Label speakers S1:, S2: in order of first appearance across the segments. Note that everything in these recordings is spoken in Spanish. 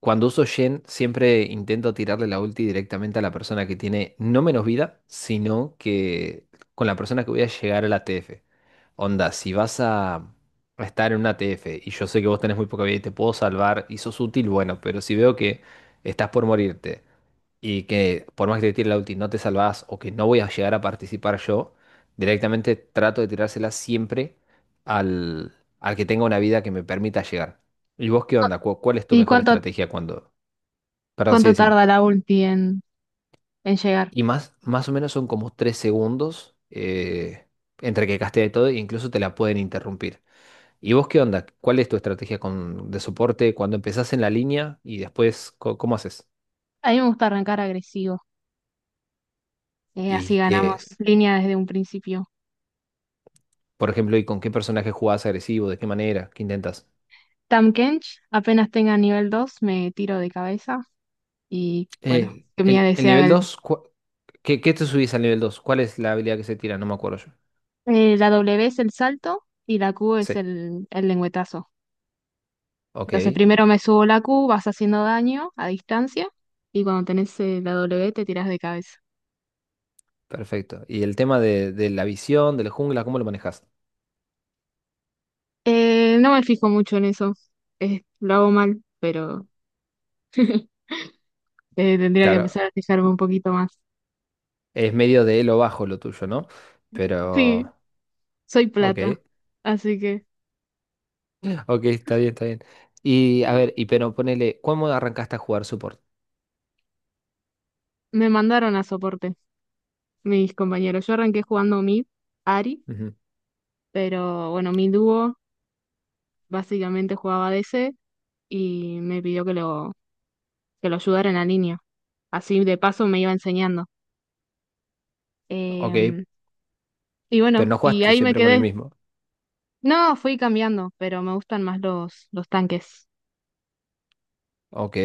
S1: Cuando uso Shen, siempre intento tirarle la ulti directamente a la persona que tiene no menos vida, sino que con la persona que voy a llegar a la TF. Onda, si vas a estar en una TF y yo sé que vos tenés muy poca vida y te puedo salvar y sos útil, bueno, pero si veo que estás por morirte y que por más que te tire la ulti no te salvás o que no voy a llegar a participar yo, directamente trato de tirársela siempre al, al que tenga una vida que me permita llegar. ¿Y vos qué onda? ¿Cuál es tu
S2: ¿Y
S1: mejor
S2: cuánto,
S1: estrategia cuando... Perdón, sí,
S2: cuánto
S1: decime.
S2: tarda la ulti en llegar?
S1: Y más o menos son como 3 segundos, entre que castea y todo, e incluso te la pueden interrumpir. ¿Y vos qué onda? ¿Cuál es tu estrategia con, de soporte cuando empezás en la línea y después cómo haces?
S2: A mí me gusta arrancar agresivo, así
S1: Y
S2: ganamos
S1: que,
S2: línea desde un principio.
S1: por ejemplo, ¿y con qué personaje jugás agresivo? ¿De qué manera? ¿Qué intentas?
S2: Tam Kench, apenas tenga nivel 2 me tiro de cabeza y bueno,
S1: El,
S2: que Mía
S1: el- el
S2: desea
S1: nivel
S2: el...
S1: dos, ¿qué te subís al nivel dos? ¿Cuál es la habilidad que se tira? No me acuerdo yo.
S2: eh, La W es el salto y la Q
S1: Sí,
S2: es el lengüetazo. Entonces
S1: ok.
S2: primero me subo la Q, vas haciendo daño a distancia y cuando tenés la W te tiras de cabeza.
S1: Perfecto. ¿Y el tema de la visión, de la jungla, cómo lo manejas?
S2: No me fijo mucho en eso, lo hago mal. Tendría que
S1: Claro,
S2: empezar a fijarme un poquito más.
S1: es medio de lo bajo lo tuyo, ¿no? Pero,
S2: Sí, soy
S1: ok,
S2: plata. Así que
S1: ok, está bien, está bien. Y a ver, y pero ponele, ¿cómo arrancaste a jugar support?
S2: me mandaron a soporte mis compañeros. Yo arranqué jugando mid, Ari,
S1: Ujú,
S2: pero bueno, mi dúo básicamente jugaba DC y me pidió que lo ayudara en la línea. Así de paso me iba enseñando.
S1: ok,
S2: Em, y
S1: pero
S2: bueno,
S1: no
S2: y
S1: jugaste
S2: ahí me
S1: siempre con el
S2: quedé.
S1: mismo.
S2: No, fui cambiando, pero me gustan más los tanques.
S1: Ok,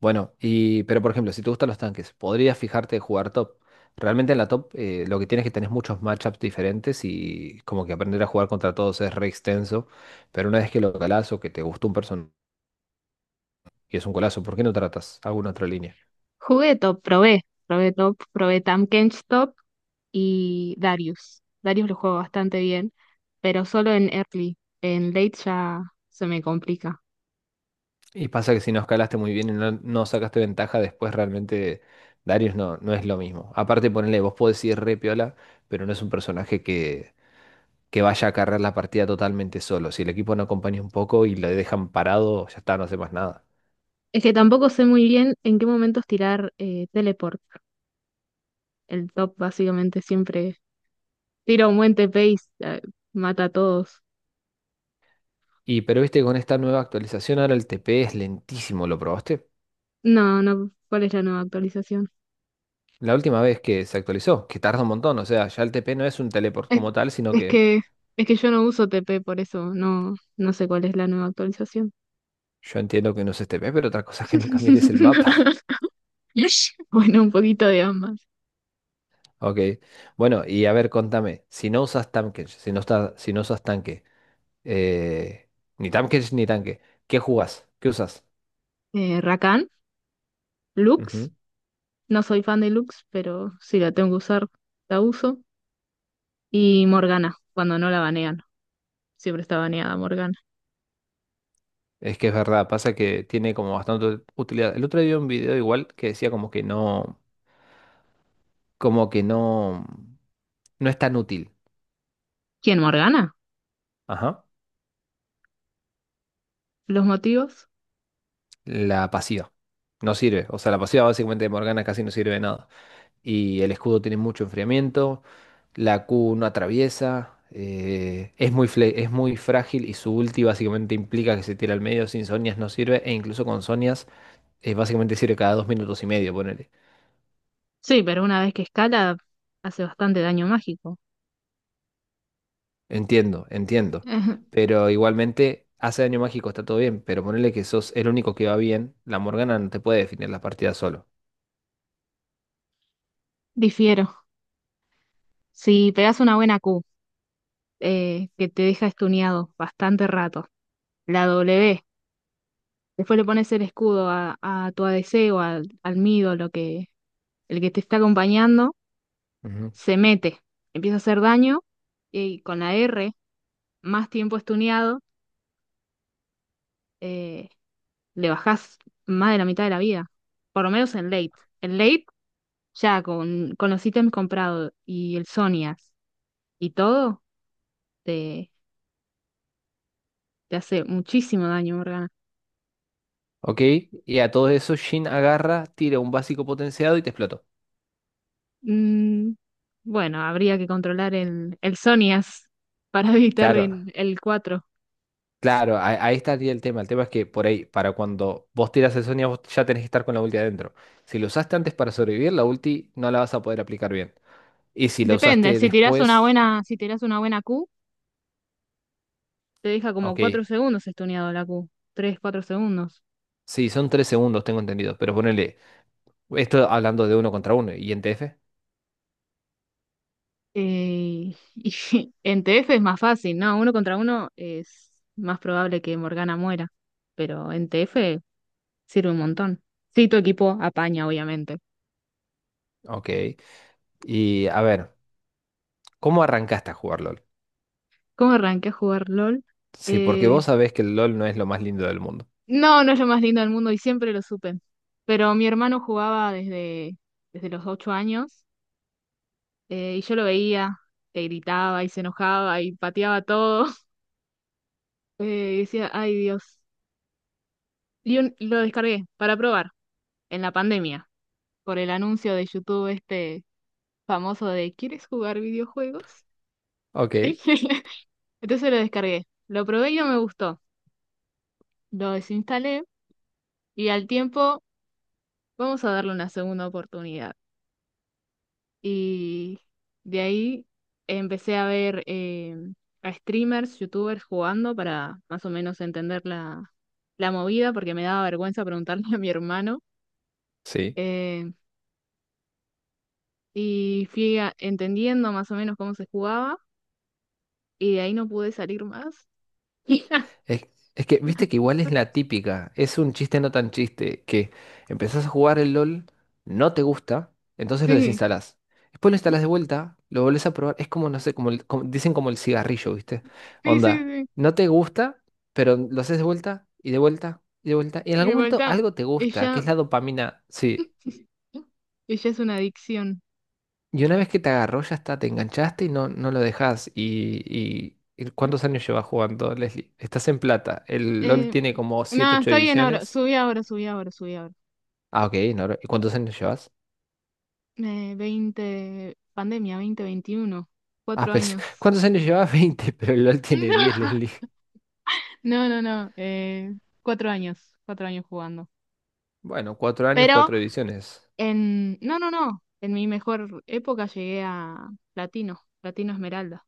S1: bueno, y pero por ejemplo, si te gustan los tanques, podrías fijarte en jugar top. Realmente en la top, lo que tienes es que tenés muchos matchups diferentes y como que aprender a jugar contra todos es re extenso, pero una vez que lo calás o que te gustó un personaje... Y es un golazo. ¿Por qué no tratas alguna otra línea?
S2: Jugué top, probé top, probé Tamkench top y Darius. Darius lo juego bastante bien, pero solo en early. En late ya se me complica.
S1: Y pasa que si no escalaste muy bien y no, no sacaste ventaja, después realmente Darius no, no es lo mismo. Aparte, ponele, vos podés ir re piola, pero no es un personaje que vaya a cargar la partida totalmente solo. Si el equipo no acompaña un poco y le dejan parado, ya está, no hace más nada.
S2: Es que tampoco sé muy bien en qué momentos tirar teleport. El top básicamente siempre tira un buen TP y mata a todos.
S1: Y pero viste, con esta nueva actualización ahora el TP es lentísimo, ¿lo probaste?
S2: No, no, ¿cuál es la nueva actualización?
S1: La última vez que se actualizó, que tarda un montón, o sea, ya el TP no es un teleport
S2: Es,
S1: como tal, sino
S2: es
S1: que
S2: que, es que yo no uso TP, por eso no, no sé cuál es la nueva actualización.
S1: yo entiendo que no es TP, pero otra cosa es que nunca mires el mapa.
S2: Bueno, un poquito de ambas.
S1: Ok. Bueno, y a ver, contame, si no usas Tamkech, si no estás, si no usas tanque, eh, ni Tamkech ni tanque, ¿qué jugás? ¿Qué usas?
S2: Rakan, Lux.
S1: Ujú.
S2: No soy fan de Lux, pero si la tengo que usar, la uso. Y Morgana, cuando no la banean. Siempre está baneada Morgana.
S1: Es que es verdad, pasa que tiene como bastante utilidad. El otro día vi un video igual que decía como que no, no es tan útil.
S2: ¿Quién, Morgana?
S1: Ajá.
S2: ¿Los motivos?
S1: La pasiva. No sirve. O sea, la pasiva básicamente de Morgana casi no sirve de nada. Y el escudo tiene mucho enfriamiento, la Q no atraviesa, es muy frágil y su ulti básicamente implica que se tira al medio, sin Sonias no sirve, e incluso con Sonias, básicamente sirve cada 2 minutos y medio, ponele.
S2: Sí, pero una vez que escala, hace bastante daño mágico.
S1: Entiendo, entiendo.
S2: Ajá.
S1: Pero igualmente hace daño mágico, está todo bien, pero ponele que sos el único que va bien, la Morgana no te puede definir la partida solo.
S2: Difiero. Si pegas una buena Q, que te deja estuneado bastante rato. La W. Después le pones el escudo a tu ADC o al mid o lo que, el que te está acompañando
S1: Ujú.
S2: se mete, empieza a hacer daño y con la R, más tiempo estuneado, eh, le bajás más de la mitad de la vida, por lo menos en late. En late, ya con los ítems comprados y el Sonias y todo, te, te hace muchísimo daño, Morgana.
S1: Ok, y a todo eso Shin agarra, tira un básico potenciado y te explotó.
S2: Mm, bueno, habría que controlar el Sonias para evitar
S1: Claro,
S2: el cuatro.
S1: claro, ahí estaría el tema. El tema es que por ahí, para cuando vos tiras el Sonia, vos ya tenés que estar con la ulti adentro. Si lo usaste antes para sobrevivir, la ulti no la vas a poder aplicar bien. Y si la
S2: Depende,
S1: usaste
S2: si tirás una
S1: después,
S2: buena, si tirás una buena Q, te deja como
S1: ok.
S2: 4 segundos estuneado la Q. 3, 4 segundos.
S1: Sí, son 3 segundos, tengo entendido. Pero ponele, esto hablando de uno contra uno. ¿Y en TF?
S2: Y en TF es más fácil, ¿no? Uno contra uno es más probable que Morgana muera, pero en TF sirve un montón. Sí, tu equipo apaña, obviamente.
S1: Ok. Y a ver, ¿cómo arrancaste a jugar LOL?
S2: ¿Cómo arranqué a jugar LOL?
S1: Sí, porque
S2: Eh,
S1: vos sabés que el LOL no es lo más lindo del mundo.
S2: no, no es lo más lindo del mundo y siempre lo supe. Pero mi hermano jugaba desde los 8 años y yo lo veía, que gritaba y se enojaba y pateaba todo. Y decía, ay Dios. Y lo descargué para probar en la pandemia, por el anuncio de YouTube este famoso de ¿Quieres jugar videojuegos?
S1: Ok,
S2: Entonces lo descargué, lo probé y no me gustó, lo desinstalé y al tiempo vamos a darle una segunda oportunidad. Y de ahí empecé a ver a streamers, youtubers jugando para más o menos entender la movida porque me daba vergüenza preguntarle a mi hermano.
S1: sí.
S2: eh, y fui entendiendo más o menos cómo se jugaba y de ahí no pude salir más.
S1: Es, viste que igual es la típica, es un chiste no tan chiste, que empezás a jugar el LOL, no te gusta, entonces lo
S2: Sí,
S1: desinstalás. Después lo instalás de vuelta, lo volvés a probar, es como, no sé, como, dicen como el cigarrillo, ¿viste?
S2: sí, sí,
S1: Onda,
S2: sí.
S1: no te gusta, pero lo haces de vuelta y de vuelta y de vuelta, y en
S2: Y
S1: algún momento
S2: vuelta,
S1: algo te gusta, que es
S2: ella,
S1: la dopamina, sí,
S2: ella es una adicción.
S1: y una vez que te agarró, ya está, te enganchaste y no, no lo dejás. Y ¿cuántos años llevas jugando, Leslie? Estás en plata. El LOL
S2: Eh,
S1: tiene como 7
S2: Nada,
S1: 8
S2: está bien ahora.
S1: ediciones.
S2: Subí ahora, subí ahora, subí ahora.
S1: Ah, ok, no, ¿y cuántos años llevas?
S2: 20, pandemia, 20, 21.
S1: Ah,
S2: Cuatro
S1: pues,
S2: años.
S1: ¿cuántos años llevas? 20, pero el LOL tiene 10, Leslie.
S2: No, no, no. 4 años, 4 años jugando.
S1: Bueno, 4 años,
S2: Pero
S1: 4 ediciones.
S2: No, no, no. En mi mejor época llegué a platino, platino esmeralda.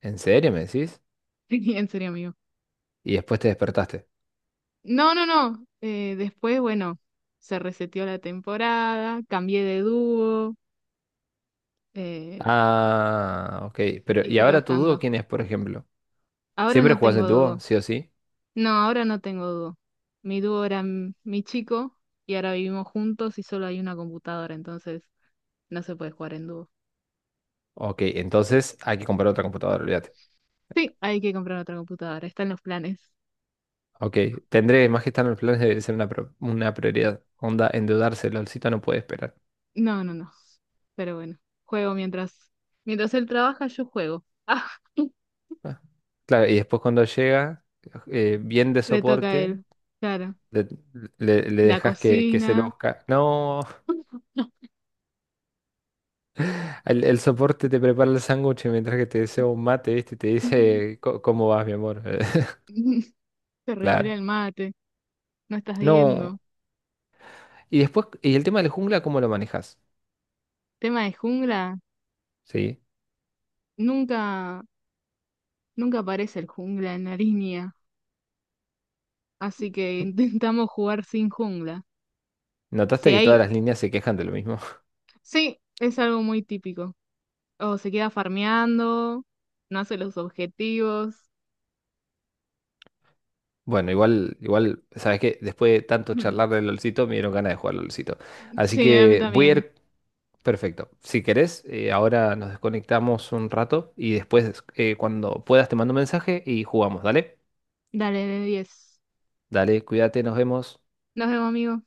S1: ¿En serio, me decís?
S2: En serio, amigo.
S1: Y después te despertaste.
S2: No, no, no. Después, bueno, se reseteó la temporada, cambié de dúo eh,
S1: Ah, ok. Pero,
S2: y
S1: ¿y
S2: fui
S1: ahora tu dúo
S2: bajando.
S1: quién es, por ejemplo?
S2: Ahora
S1: ¿Siempre
S2: no
S1: jugás en
S2: tengo
S1: dúo,
S2: dúo.
S1: sí o sí?
S2: No, ahora no tengo dúo. Mi dúo era mi chico y ahora vivimos juntos y solo hay una computadora, entonces no se puede jugar en dúo.
S1: Ok, entonces hay que comprar otra computadora, olvídate.
S2: Sí, hay que comprar otra computadora, está en los planes.
S1: Ok, tendré más que estar en los planes, debe ser una, una prioridad. Onda, endeudarse, LOLcito no puede esperar.
S2: No, no, no. Pero bueno, juego mientras él trabaja, yo juego. Ah,
S1: Ah. Claro, y después cuando llega, bien de
S2: le toca a
S1: soporte,
S2: él. Claro.
S1: le, le
S2: La
S1: dejas que se
S2: cocina.
S1: luzca. No, el soporte te prepara el sándwich mientras que te desea un mate, ¿viste? Y te dice, cómo vas, mi amor?"
S2: Te
S1: Claro.
S2: revolea el mate, no estás
S1: No.
S2: viendo.
S1: Y después, ¿y el tema del jungla, cómo lo manejas?
S2: Tema de jungla,
S1: ¿Sí?
S2: nunca, nunca aparece el jungla en la línea, así que intentamos jugar sin jungla.
S1: ¿Notaste
S2: Si
S1: que todas
S2: hay,
S1: las líneas se quejan de lo mismo?
S2: sí, es algo muy típico. O se queda farmeando, no hace los objetivos.
S1: Bueno, igual, igual, sabes que después de tanto charlar del LOLcito, me dieron ganas de jugar al LOLcito. Así
S2: Sí, a mí
S1: que voy a
S2: también.
S1: ir perfecto. Si querés, ahora nos desconectamos un rato y después, cuando puedas, te mando un mensaje y jugamos. Dale,
S2: Dale, de 10.
S1: dale, cuídate, nos vemos.
S2: Nos vemos, amigo.